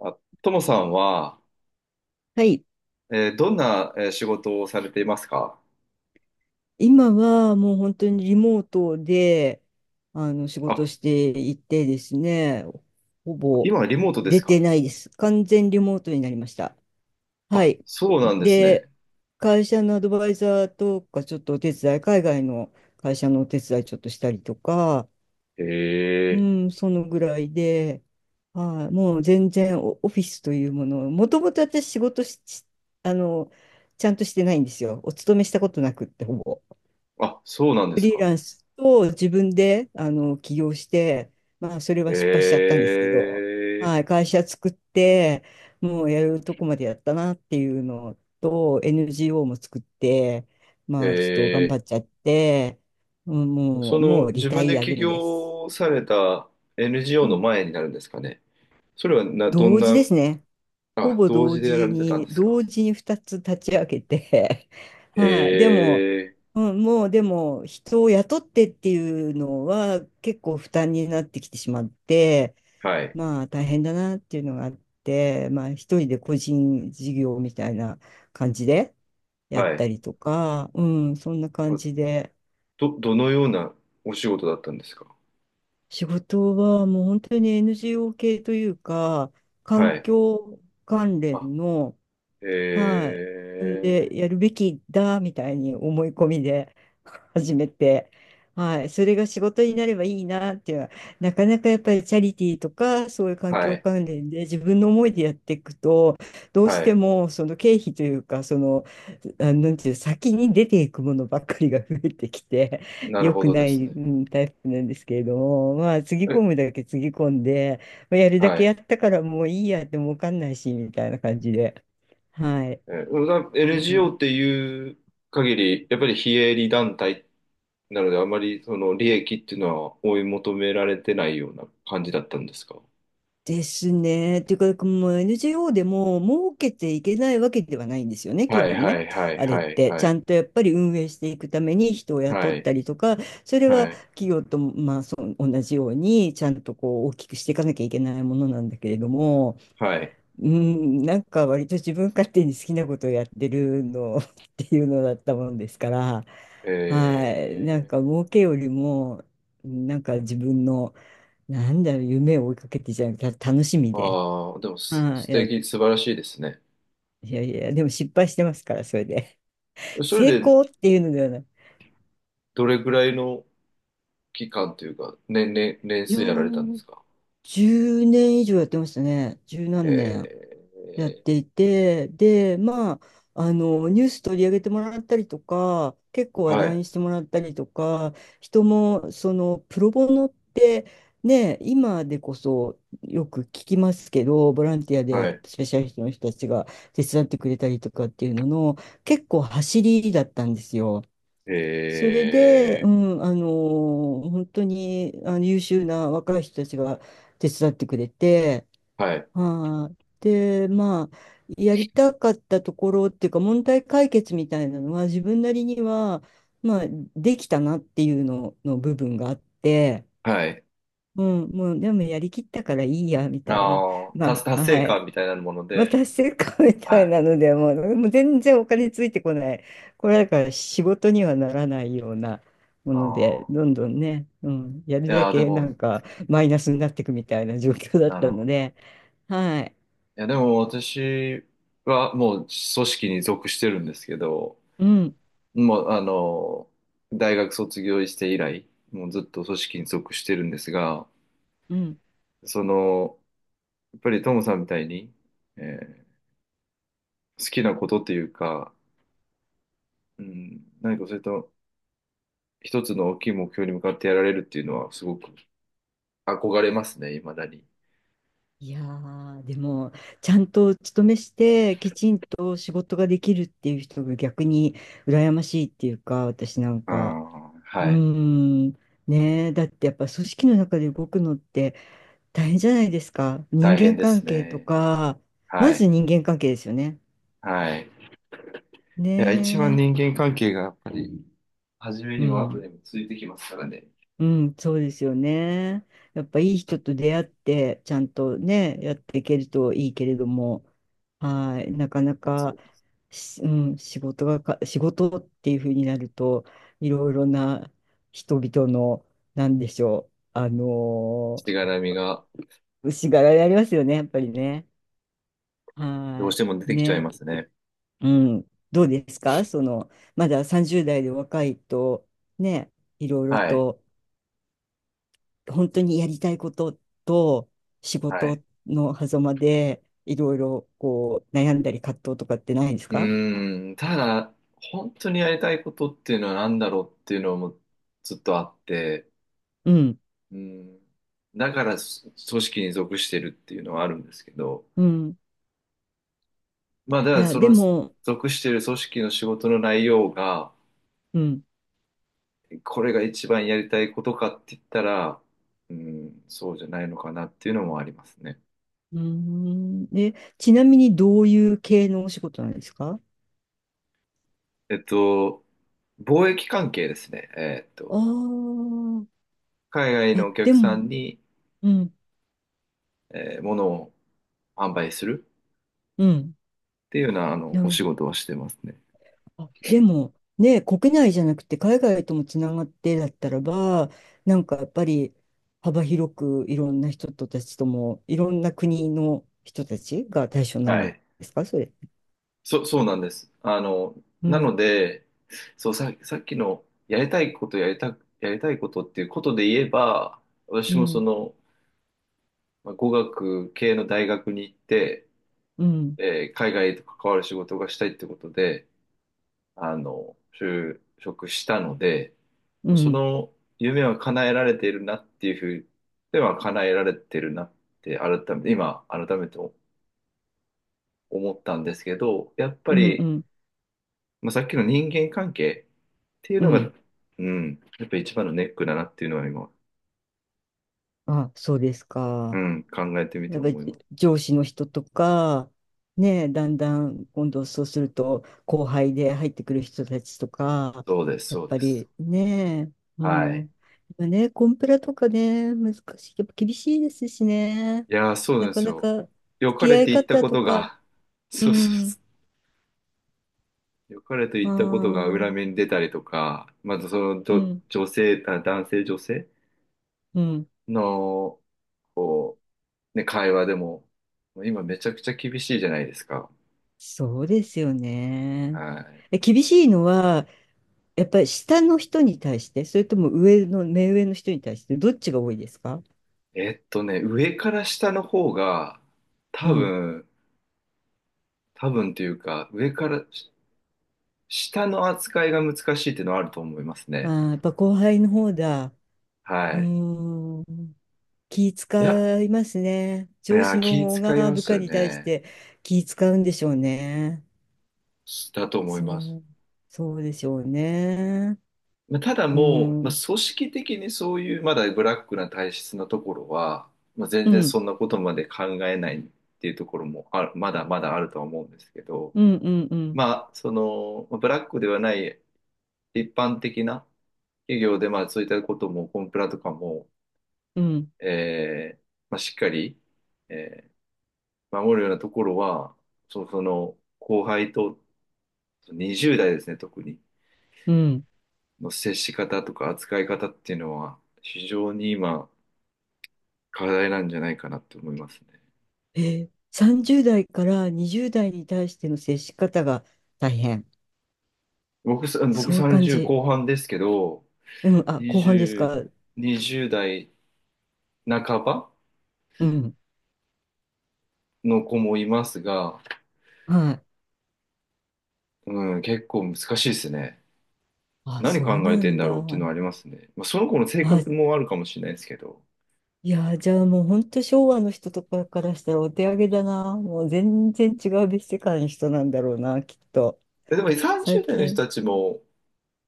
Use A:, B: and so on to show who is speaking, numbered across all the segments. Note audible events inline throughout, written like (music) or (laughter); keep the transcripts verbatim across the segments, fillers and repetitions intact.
A: あ、ともさんは、
B: はい。
A: えーどんな、えー仕事をされていますか？
B: 今はもう本当にリモートで、あの、仕
A: あ、
B: 事していてですね、ほぼ
A: 今はリモートで
B: 出
A: すか？
B: てないです。完全リモートになりました。は
A: あ、
B: い。
A: そうなんですね。
B: で、会社のアドバイザーとか、ちょっとお手伝い、海外の会社のお手伝いちょっとしたりとか、
A: へ
B: う
A: え。
B: ん、そのぐらいで、はい、もう全然オ、オフィスというものを、もともと私仕事し、しあの、ちゃんとしてないんですよ。お勤めしたことなくって、ほぼ。
A: あ、そうなんで
B: フ
A: す
B: リー
A: か。
B: ランスと自分であの起業して、まあ、それは
A: へ
B: 失敗しちゃったんですけど、はい、
A: え。
B: 会社作って、もうやるとこまでやったなっていうのと、エヌジーオー も作って、まあ、ちょっと頑張
A: え
B: っちゃって、うん
A: ーそ
B: もう、も
A: の、
B: うリ
A: 自
B: タ
A: 分で
B: イア
A: 起
B: 組です。
A: 業された エヌジーオー
B: う
A: の
B: ん。
A: 前になるんですかね。それはな、どん
B: 同時
A: な、
B: ですね。ほ
A: あ、
B: ぼ
A: 同
B: 同
A: 時でやら
B: 時
A: れてたん
B: に、
A: ですか？
B: 同時にふたつ立ち上げて、(laughs)
A: へ
B: はい、でも、
A: え。
B: うん、もうでも人を雇ってっていうのは結構負担になってきてしまって、
A: はい。
B: まあ大変だなっていうのがあって、まあ一人で個人事業みたいな感じでやっ
A: は
B: た
A: い。
B: りとか、うん、そんな感
A: あ
B: じで、
A: ど、どのようなお仕事だったんですか？
B: 仕事はもう本当に エヌジーオー 系というか、
A: は
B: 環
A: い。
B: 境関
A: あ
B: 連の、は
A: え
B: い。自分
A: ー、
B: でやるべきだみたいに思い込みで (laughs) 始めて、はい。それが仕事になればいいなっていうのは、なかなかやっぱりチャリティーとか、そういう環
A: は
B: 境
A: い、
B: 関連で自分の思いでやっていくと、どうし
A: は
B: て
A: い。
B: もその経費というか、その、あ、なんていう、先に出ていくものばっかりが増えてきて、(laughs)
A: なる
B: 良
A: ほ
B: く
A: ど
B: な
A: です
B: い、
A: ね。
B: うんタイプなんですけれども、まあ、つぎ
A: え、
B: 込むだけつぎ込んで、まあやるだ
A: は
B: け
A: い。
B: やったからもういいやってもわかんないし、みたいな感じで。はい。
A: えーだ
B: うん、
A: エヌジーオー っていう限り、やっぱり非営利団体なので、あまりその利益っていうのは追い求められてないような感じだったんですか？
B: ですね。というか、もう エヌジーオー でも儲けていけないわけではないんですよね、基
A: はい、
B: 本
A: は
B: ね。
A: い、はい、
B: あれ
A: は
B: っ
A: い、
B: て、
A: は
B: ちゃ
A: い、
B: んとやっぱり運営していくために人を雇
A: は
B: っ
A: い、
B: たりとか、それは
A: はい、
B: 企業と、まあ、そう同じように、ちゃんとこう大きくしていかなきゃいけないものなんだけれども、
A: はい。
B: うん、なんか割と自分勝手に好きなことをやってるの (laughs) っていうのだったもんですから、はい、なんか儲
A: え
B: けよりも、なんか自分の、なんだろう、夢を追いかけてじゃなくて、た楽しみ
A: ー、
B: で、
A: ああ、でもす
B: は
A: 素
B: い、いや、
A: 敵素晴らしいですね。
B: いやいや、でも失敗してますから、それで。(laughs)
A: それ
B: 成
A: で
B: 功っていうのではない。
A: どれぐらいの期間というか年、年、年
B: いや
A: 数やられたんで
B: ー、
A: すか？
B: じゅうねん以上やってましたね。十何年。
A: え
B: やっていて、で、まあ、あの、ニュース取り上げてもらったりとか、結構
A: ー、
B: 話
A: は
B: 題
A: い、
B: にしてもらったりとか、人も、その、プロボノって、ね、今でこそよく聞きますけど、ボランティア
A: は
B: で
A: い、
B: スペシャリストの人たちが手伝ってくれたりとかっていうのの、結構走りだったんですよ。それで、う
A: え
B: ん、あの、本当にあの優秀な若い人たちが手伝ってくれて、
A: ー、はい、
B: はい。で、まあ、やりたかったところっていうか、問題解決みたいなのは、自分なりには、まあ、できたなっていうのの部分があって、
A: はい。
B: うん、もう、でもやりきったからいいや、みたいな。
A: あー達、
B: まあ、
A: 達成
B: は
A: 感
B: い。
A: みたいなもの
B: まあ、
A: で、
B: 達成感みた
A: は
B: い
A: い。
B: なので、もう、もう全然お金ついてこない。これだから仕事にはならないようなもので、
A: あ
B: どんどんね、うん、やる
A: ーい
B: だ
A: やー、で
B: けなん
A: も、
B: かマイナスになっていくみたいな状況だっ
A: なる
B: たの
A: ほど。
B: で、はい。
A: いや、でも私はもう組織に属してるんですけど、
B: うん。
A: もう、あの、大学卒業して以来、もうずっと組織に属してるんですが、
B: うん。
A: その、やっぱりトムさんみたいに、えー好きなことっていうか、うん、何かそれと、一つの大きい目標に向かってやられるっていうのはすごく憧れますね、未だに。
B: いやー、でも、ちゃんと勤めして、きちんと仕事ができるっていう人が逆に羨ましいっていうか、私なん
A: う
B: か、
A: ん、
B: うー
A: はい。
B: ん、ねえ、だってやっぱ組織の中で動くのって大変じゃないですか。人
A: 大変
B: 間
A: で
B: 関
A: す
B: 係と
A: ね。
B: か、ま
A: は
B: ず
A: い。
B: 人間関係ですよね。
A: はい。いや、一番
B: ね
A: 人間関係がやっぱり、初め
B: え、う
A: にも後
B: ん。
A: でもついてきますからね。
B: うん、そうですよね。やっぱいい人と出会って、ちゃんとね、やっていけるといいけれども、はい、なかなか、しうん、仕事がか、仕事っていうふうになると、いろいろな人々の、なんでしょう、あの
A: しがらみが
B: ー、しがられありますよね、やっぱりね。
A: どうし
B: は
A: ても出
B: い、
A: てきちゃい
B: ね。
A: ますね。
B: うん、どうですかその、まださんじゅう代で若いと、ね、いろいろ
A: はい。
B: と、本当にやりたいことと仕
A: はい。
B: 事の狭間でいろいろこう悩んだり葛藤とかってないです
A: う
B: か？
A: ーん、ただ、本当にやりたいことっていうのは何だろうっていうのもずっとあって、
B: うん。
A: うん、だからそ組織に属してるっていうのはあるんですけど、
B: うん。
A: まあ、だ
B: い
A: から
B: や、
A: そ
B: で
A: の
B: も、
A: 属している組織の仕事の内容が、
B: うん。
A: これが一番やりたいことかって言ったら、うん、そうじゃないのかなっていうのもありますね。
B: うーん。で、ちなみにどういう系のお仕事なんですか？
A: えっと、貿易関係ですね。えっ
B: ああ
A: と、
B: ー、
A: 海外
B: あ、
A: のお
B: で
A: 客さ
B: も、
A: んに、
B: うん、
A: えー物を販売する
B: うん。
A: っていうような、あの、
B: な
A: お
B: る
A: 仕事をしてますね。
B: あでも、ね、国内じゃなくて海外ともつながってだったらば、なんかやっぱり幅広くいろんな人たちとも、いろんな国の人たちが対象になるん
A: は
B: で
A: い。
B: すか、それ。
A: そ、そうなんです。あの、
B: う
A: な
B: ん、
A: ので、そう、さ、さっきのやりたいことやりた、やりたいことっていうことで言えば、
B: う
A: 私もそ
B: ん、
A: の、まあ、語学系の大学に行って、
B: うん、
A: えー海外と関わる仕事がしたいってことで、あの、就職したので、
B: う
A: そ
B: ん、
A: の夢は叶えられているなっていうふうでは叶えられてるなって改めて、今改めて思ったんですけど、やっぱ
B: うん、う
A: り、
B: ん、
A: まあ、さっきの人間関係っていう
B: う
A: のが、
B: ん。
A: うん、やっぱ一番のネックだなっていうのは今、
B: あ、そうです
A: う
B: か。
A: ん、考えてみて
B: やっぱり
A: 思います。
B: 上司の人とか、ね、だんだん今度そうすると後輩で入ってくる人たちとか、
A: そうです、
B: やっ
A: そう
B: ぱ
A: です。
B: りね、う
A: はい。
B: ん。今ね、コンプラとかね、難しい。やっぱ厳しいですしね。
A: いやー、そう
B: な
A: なんで
B: か
A: す
B: な
A: よ。
B: か付
A: 良か
B: き
A: れ
B: 合い
A: て言った
B: 方
A: こ
B: と
A: と
B: か、
A: が、(laughs)
B: う
A: そうそう
B: ん、
A: そう。良かれと
B: あ
A: 言ったことが
B: あ、
A: 裏目に出たりとか、まずその
B: う
A: ど
B: ん、
A: 女性、あ、男性女性
B: うん。
A: の、こう、ね、会話でも、今めちゃくちゃ厳しいじゃないですか。
B: そうですよね。
A: はい。
B: え、厳しいのは、やっぱり下の人に対して、それとも上の、目上の人に対して、どっちが多いですか？
A: えっとね、上から下の方が、
B: う
A: 多
B: ん。
A: 分、多分というか、上からし下の扱いが難しいっていうのはあると思います
B: あ
A: ね。
B: ー、やっぱ後輩の方だ。う
A: はい。
B: ーん。気
A: いや、
B: 使いますね。
A: い
B: 上
A: や
B: 司の
A: 気
B: 方
A: 遣い
B: が
A: ま
B: 部
A: す
B: 下
A: よ
B: に対し
A: ね。
B: て気使うんでしょうね。
A: だと思います。
B: そう。そうでしょうね。
A: まあただ
B: う
A: もう、まあ、
B: ん。
A: 組織的にそういうまだブラックな体質なところは、まあ、全
B: う
A: 然
B: ん。
A: そんなことまで考えないっていうところもある、まだまだあるとは思うんですけど、
B: うんうんうん
A: まあ、その、まあブラックではない一般的な企業で、まあ、そういったことも、コンプラとかも、
B: うん。
A: えーまあ、しっかり、えー守るようなところは、そ、その、後輩と、にじゅう代ですね、特に、
B: うん。
A: の接し方とか扱い方っていうのは、非常に今、課題なんじゃないかなって思いますね。
B: えー、さんじゅう代からにじゅう代に対しての接し方が大変。
A: 僕さ、僕
B: そういう感
A: さんじゅう
B: じ。
A: 後半ですけど、
B: うん。あ、後半ですか。
A: にじゅう、にじゅう代半ば
B: うん。
A: の子もいますが、
B: はい。
A: うん、結構難しいですね。
B: あ、
A: 何
B: そう
A: 考え
B: な
A: てん
B: ん
A: だ
B: だ。
A: ろうっていうのはありますね。まあ、その子の性
B: あ、
A: 格もあるかもしれないですけど。
B: いやー、じゃあもう本当昭和の人とかからしたらお手上げだな。もう全然違う別世界の人なんだろうな、きっと。
A: えでもさんじゅう
B: 最
A: 代の人
B: 近。
A: たちも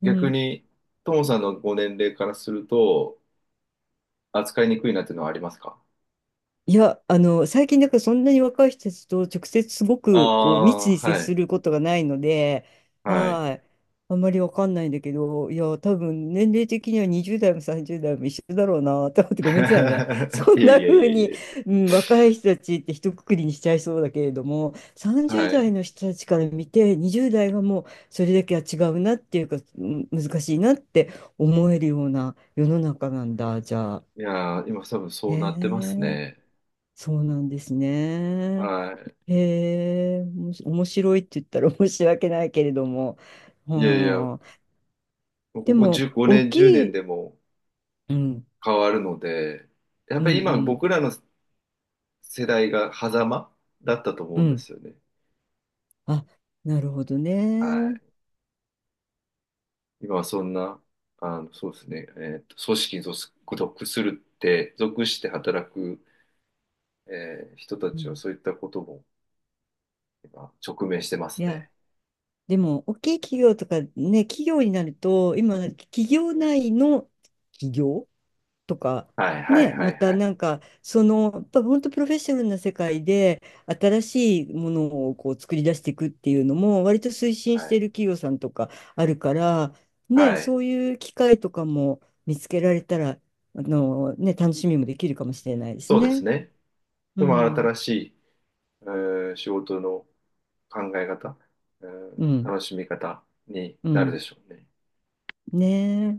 B: う
A: 逆
B: ん。
A: に、ともさんのご年齢からすると、扱いにくいなっていうのはありますか？
B: いや、あの、最近、だからそんなに若い人たちと直接すごくこう密
A: ああ
B: に
A: ー、
B: 接
A: は
B: す
A: い。
B: ることがないので、
A: はい。
B: はい。あんまりわかんないんだけど、いや、多分年齢的にはにじゅう代もさんじゅう代も一緒だろうなと思ってごめんなさいね。(laughs)
A: (laughs)
B: そ
A: い
B: ん
A: え
B: な
A: いえい
B: 風
A: え
B: に、
A: いえ。
B: うん、若い人たちって一括りにしちゃいそうだけれども、さんじゅう
A: は
B: 代
A: い。
B: の人たちから見て、にじゅう代はもうそれだけは違うなっていうか、うん難しいなって思えるような世の中なんだ、じゃあ。
A: いやー、今多分そうなってます
B: ねえ、
A: ね。
B: そうなんですね。
A: はい。
B: へえ、おもし面白いって言ったら (laughs) 申し訳ないけれども。
A: いやいや、も
B: はあ、
A: う
B: で
A: ここ
B: も、
A: じゅう、
B: 大
A: ごねん、10
B: き
A: 年
B: い、
A: でも
B: うん、
A: 変わるので、やっ
B: うん、
A: ぱり今
B: うん、
A: 僕らの世代が狭間だったと
B: う
A: 思うんで
B: ん。
A: すよね。
B: あ、なるほど
A: は
B: ね。
A: い。今はそんな、あの、そうですね、えーと、組織に属属するって、属して働く、えー人た
B: う
A: ちは
B: ん、
A: そういったことも今直面してま
B: い
A: す
B: や、
A: ね。
B: でも、大きい企業とかね、企業になると、今、企業内の企業とか、
A: はい、はい、
B: ね、
A: は
B: ま
A: い、
B: た
A: はい。
B: なんか、その、やっぱ本当プロフェッショナルな世界で、新しいものをこう作り出していくっていうのも、割と推進
A: は
B: してい
A: い。
B: る企業さんとかあるから、ね、
A: はい。
B: そういう機会とかも見つけられたら、あの、ね、楽しみもできるかもしれないです
A: そうです
B: ね。
A: ね。
B: う
A: でも
B: ん、
A: 新しい、えー仕事の考え方、うん、
B: うん、
A: 楽しみ方に
B: う
A: なるで
B: ん。
A: しょうね。
B: ね